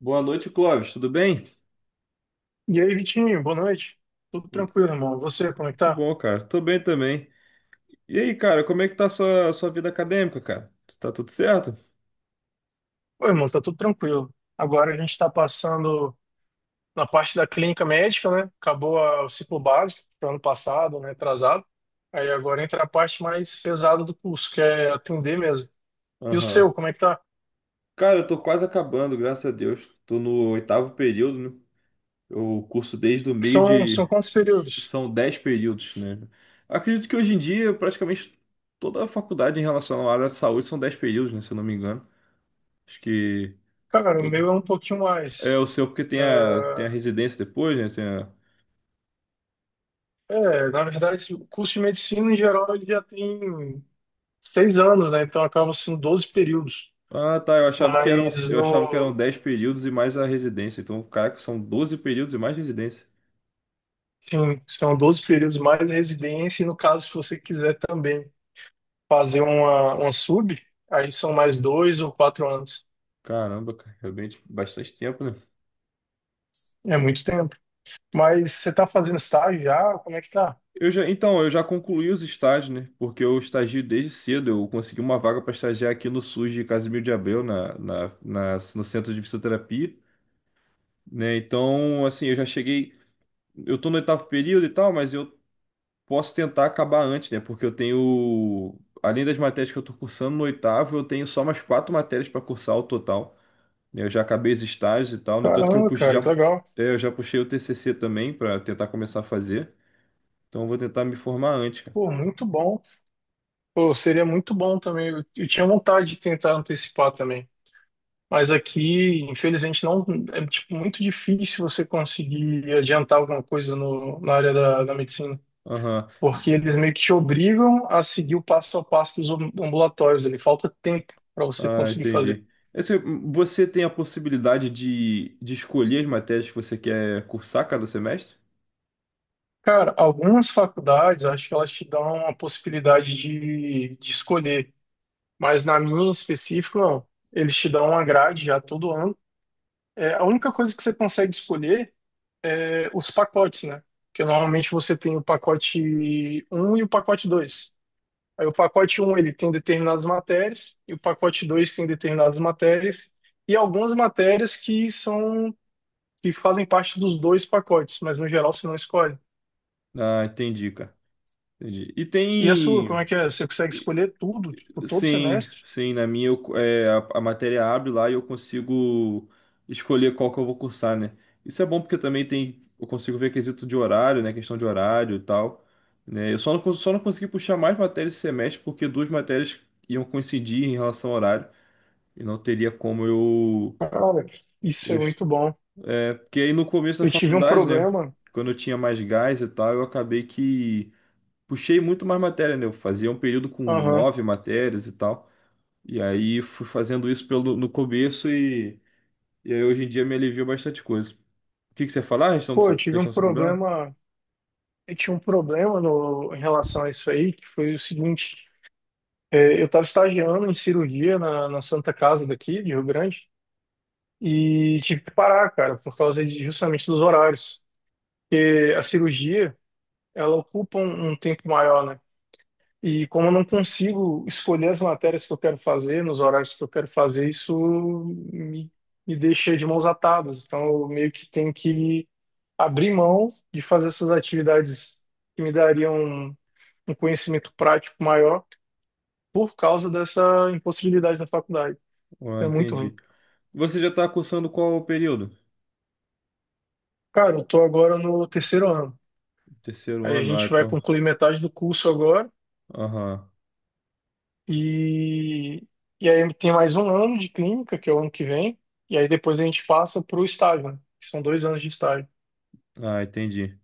Boa noite, Clóvis. Tudo bem? E aí, Vitinho, boa noite. Tudo tranquilo, irmão? Você, como é que Muito tá? bom, cara. Tô bem também. E aí, cara, como é que tá a sua vida acadêmica, cara? Tá tudo certo? Ô irmão, tá tudo tranquilo. Agora a gente tá passando na parte da clínica médica, né? Acabou o ciclo básico do ano passado, né? Atrasado. Aí agora entra a parte mais pesada do curso, que é atender mesmo. E o seu, Aham. como é que tá? Cara, eu tô quase acabando, graças a Deus. Tô no oitavo período, né? Eu curso desde o meio São de. quantos períodos? São dez períodos, né? Acredito que hoje em dia, praticamente toda a faculdade em relação à área de saúde são dez períodos, né? Se eu não me engano. Acho que. Cara, o Toda. meu é um pouquinho É o mais. seu, porque tem É, a, tem a residência depois, né? É, na verdade, o curso de medicina em geral ele já tem 6 anos, né? Então acabam sendo 12 períodos. Ah, tá. Mas Eu achava que eram no, 10 períodos e mais a residência. Então, caraca, são 12 períodos e mais residência. Sim, são 12 períodos mais residência, e no caso, se você quiser também fazer uma sub, aí são mais 2 ou 4 anos. Caramba, cara, realmente bastante tempo, né? É muito tempo. Mas você tá fazendo estágio já? Como é que tá? Eu já concluí os estágios, né? Porque eu estagio desde cedo. Eu consegui uma vaga para estagiar aqui no SUS de Casimiro de Abreu, no Centro de Fisioterapia, né? Então, assim, eu já cheguei. Eu tô no oitavo período e tal, mas eu posso tentar acabar antes, né? Porque eu tenho. Além das matérias que eu tô cursando no oitavo, eu tenho só mais quatro matérias para cursar o total. Eu já acabei os estágios e tal, no entanto que Caramba, cara, que legal. Eu já puxei o TCC também para tentar começar a fazer, então eu vou tentar me formar antes, cara. Pô, muito bom. Pô, seria muito bom também. Eu tinha vontade de tentar antecipar também. Mas aqui, infelizmente, não é tipo muito difícil você conseguir adiantar alguma coisa no, na área da medicina. Aham. Porque eles meio que te obrigam a seguir o passo a passo dos ambulatórios ali, falta tempo para você Ah, conseguir fazer. entendi. Você tem a possibilidade de escolher as matérias que você quer cursar cada semestre? Cara, algumas faculdades, acho que elas te dão a possibilidade de escolher, mas na minha em específico, não. Eles te dão uma grade já todo ano. É, a única coisa que você consegue escolher é os pacotes, né? Porque normalmente você tem o pacote um e o pacote 2. Aí o pacote um ele tem determinadas matérias, e o pacote 2 tem determinadas matérias, e algumas matérias que fazem parte dos dois pacotes, mas no geral você não escolhe. Ah, entendi, cara. Entendi. E E a sua, como tem. é que é? Você consegue escolher tudo, tipo, todo Sim, semestre? sim, na minha a matéria abre lá e eu consigo escolher qual que eu vou cursar, né? Isso é bom porque também tem, eu consigo ver quesito de horário, né? Questão de horário e tal, né? Eu só não, cons- só não consegui puxar mais matérias esse semestre porque duas matérias iam coincidir em relação ao horário e não teria como eu, Cara, isso é eu... muito bom. é, porque aí no começo da Eu tive um faculdade, né? problema. Quando eu tinha mais gás e tal, eu acabei que puxei muito mais matéria, né? Eu fazia um período com Aham. nove matérias e tal. E aí fui fazendo isso pelo, no começo e aí hoje em dia me aliviou bastante coisa. O que que você ia falar? A Pô, eu tive um questão do seu problema? problema. Eu tinha um problema no, em relação a isso aí, que foi o seguinte. É, eu estava estagiando em cirurgia na Santa Casa daqui, de Rio Grande. E tive que parar, cara, por causa de, justamente dos horários. Porque a cirurgia, ela ocupa um tempo maior, né? E como eu não consigo escolher as matérias que eu quero fazer, nos horários que eu quero fazer, isso me, me deixa de mãos atadas. Então, eu meio que tenho que abrir mão de fazer essas atividades que me dariam um, um conhecimento prático maior por causa dessa impossibilidade da faculdade. Isso Ah, é muito ruim. entendi. Você já está cursando qual período? Cara, eu tô agora no terceiro ano. Terceiro Aí a ano, ah, gente vai então. concluir metade do curso agora. Aham. E, e aí tem mais um ano de clínica, que é o ano que vem. E aí depois a gente passa para o estágio, né? Que são 2 anos de estágio. Ah, entendi.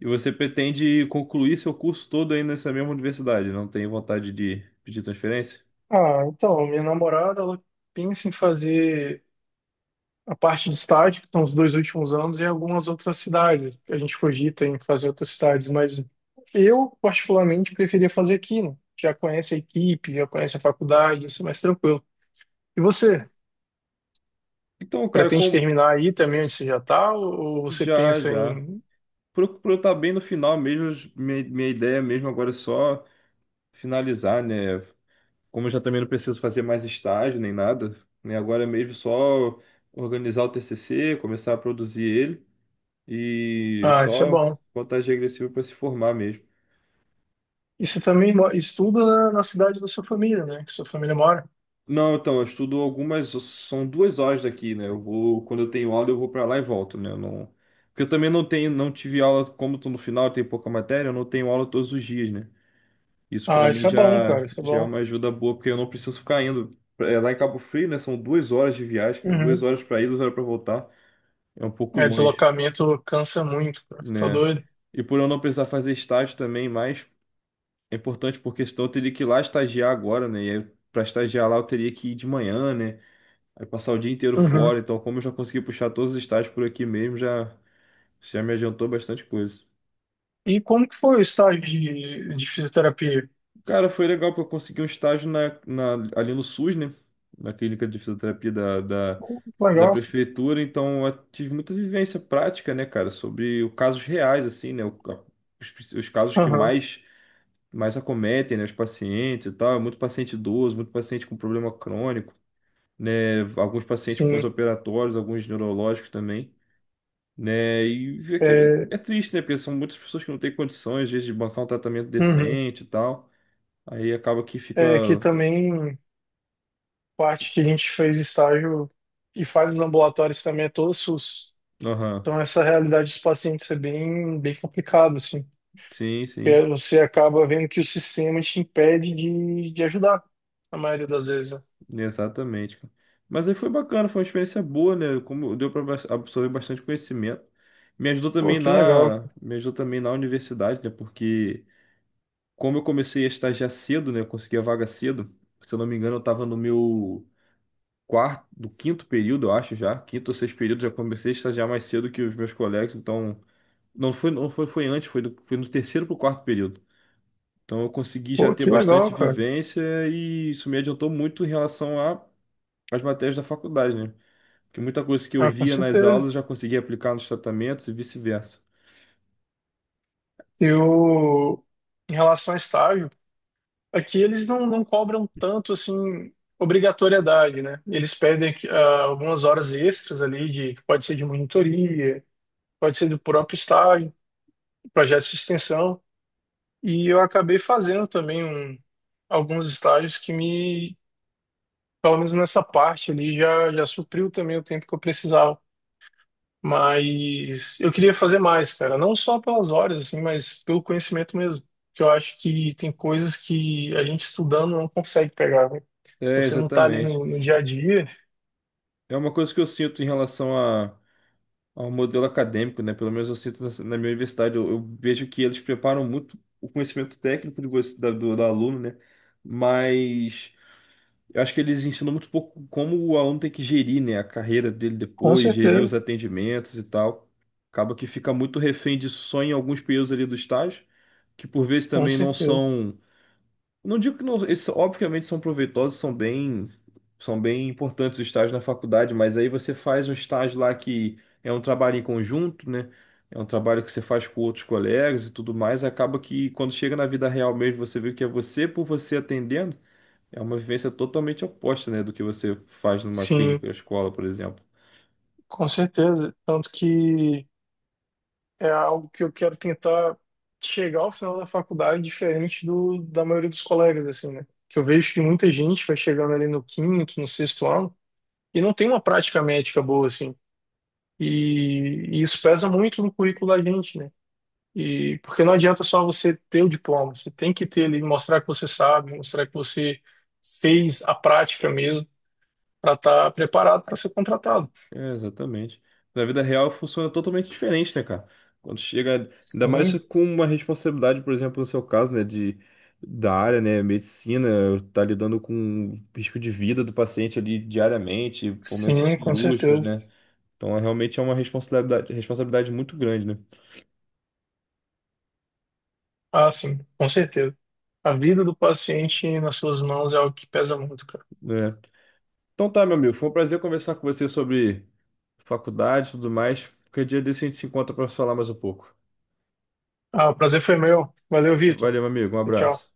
E você pretende concluir seu curso todo aí nessa mesma universidade? Não tem vontade de pedir transferência? Ah, então, minha namorada, ela pensa em fazer a parte de estágio, que são os 2 últimos anos, em algumas outras cidades. A gente cogita em fazer outras cidades, mas eu, particularmente, preferia fazer aqui, né? Já conhece a equipe, já conhece a faculdade, isso é mais tranquilo. E você? Então, cara, Pretende como. terminar aí também onde você já está? Ou você Já, pensa já. em. Procuro estar bem no final mesmo. Minha ideia mesmo agora é só finalizar, né? Como eu já também não preciso fazer mais estágio nem nada, né? Agora é mesmo só organizar o TCC, começar a produzir ele e Ah, isso é só bom. contagem regressiva para se formar mesmo. E você também estuda na cidade da sua família, né? Que sua família mora. Não, então, eu estudo algumas, são duas horas daqui, né? Eu vou, quando eu tenho aula, eu vou para lá e volto, né? Eu não, porque eu também não tive aula, como tô no final, tem pouca matéria, eu não tenho aula todos os dias, né? Isso para Ah, mim isso é bom, cara, isso é já é bom. uma ajuda boa, porque eu não preciso ficar indo. É, lá em Cabo Frio, né? São duas horas de viagem, cara, duas Uhum. horas para ir, duas horas para voltar. É um pouco É, longe, deslocamento cansa muito, cara. Você tá né? doido? E por eu não precisar fazer estágio também, mas é importante porque senão eu teria que ir lá estagiar agora, né? E aí, para estagiar lá eu teria que ir de manhã, né? Aí passar o dia inteiro fora. Uhum. Então, como eu já consegui puxar todos os estágios por aqui mesmo, já, já me adiantou bastante coisa. E como que foi o estágio de fisioterapia? Cara, foi legal porque eu consegui um estágio ali no SUS, né? Na clínica de fisioterapia Pô, que da legal. prefeitura. Então, eu tive muita vivência prática, né, cara? Sobre casos reais, assim, né? Os casos que Aham. Mais acometem, né, os pacientes e tal. É muito paciente idoso, muito paciente com problema crônico, né, alguns pacientes Sim. pós-operatórios, alguns neurológicos também, né, e é, que É, é triste, né, porque são muitas pessoas que não têm condições, às vezes, de bancar um tratamento uhum. decente e tal. Aí acaba que fica... É que também parte que a gente fez estágio e faz os ambulatórios também é todo SUS. Aham. Então, essa realidade dos pacientes é bem, bem complicado, assim, Sim, porque sim, você acaba vendo que o sistema te impede de ajudar, na maioria das vezes, né? exatamente, cara. Mas aí foi bacana, foi uma experiência boa, né, como deu para absorver bastante conhecimento. Pô, que legal. Me ajudou também na universidade, né, porque... como eu comecei a estagiar cedo, né? Eu consegui a vaga cedo. Se eu não me engano, eu estava no meu quarto, do quinto período, eu acho já. Quinto ou sexto período, já comecei a estagiar mais cedo que os meus colegas. Então, não foi, não foi, foi antes, foi, do, foi no terceiro para o quarto período. Então, eu consegui já Pô, ter que legal, bastante cara. vivência e isso me adiantou muito em relação às matérias da faculdade, né? Porque muita coisa que eu Ah, com via nas certeza. aulas eu já conseguia aplicar nos tratamentos e vice-versa. Eu, em relação a estágio, aqui eles não cobram tanto, assim, obrigatoriedade, né? Eles pedem que, algumas horas extras ali, que pode ser de monitoria, pode ser do próprio estágio, projetos de extensão. E eu acabei fazendo também alguns estágios que me, pelo menos nessa parte ali, já supriu também o tempo que eu precisava. Mas eu queria fazer mais, cara. Não só pelas horas, assim, mas pelo conhecimento mesmo. Porque eu acho que tem coisas que a gente estudando não consegue pegar, né? Se É, você não tá ali exatamente. no dia a dia, É uma coisa que eu sinto em relação a ao modelo acadêmico, né? Pelo menos eu sinto na minha universidade, eu vejo que eles preparam muito o conhecimento técnico de você, do aluno, né? Mas eu acho que eles ensinam muito pouco como o aluno tem que gerir, né? A carreira dele com depois, gerir os certeza, atendimentos e tal. Acaba que fica muito refém disso só em alguns períodos ali do estágio, que por vezes com também não certeza. são não digo que não, eles obviamente são proveitosos, são bem importantes os estágios na faculdade, mas aí você faz um estágio lá que é um trabalho em conjunto, né? É um trabalho que você faz com outros colegas e tudo mais, acaba que quando chega na vida real mesmo, você vê que é você por você atendendo, é uma vivência totalmente oposta, né, do que você faz numa Sim, clínica, ou escola, por exemplo. com certeza. Tanto que é algo que eu quero tentar chegar ao final da faculdade diferente da maioria dos colegas, assim, né? Que eu vejo que muita gente vai chegando ali no quinto, no sexto ano e não tem uma prática médica boa, assim. E isso pesa muito no currículo da gente, né? E porque não adianta só você ter o diploma, você tem que ter ele, mostrar que você sabe, mostrar que você fez a prática mesmo para estar preparado para ser contratado. É, exatamente. Na vida real funciona totalmente diferente, né, cara? Quando chega, ainda mais Sim, com uma responsabilidade, por exemplo, no seu caso, né, de né, medicina, tá lidando com o risco de vida do paciente ali diariamente, momentos sim, com cirúrgicos, certeza. né? Então, é, realmente é uma responsabilidade muito grande, Ah, sim, com certeza. A vida do paciente nas suas mãos é algo que pesa muito, cara. né? É. Então tá, meu amigo, foi um prazer conversar com você sobre faculdade e tudo mais. Qualquer dia desse a gente se encontra para falar mais um pouco. Ah, o prazer foi meu. Valeu, Vitor. Valeu, meu amigo, um Tchau. abraço.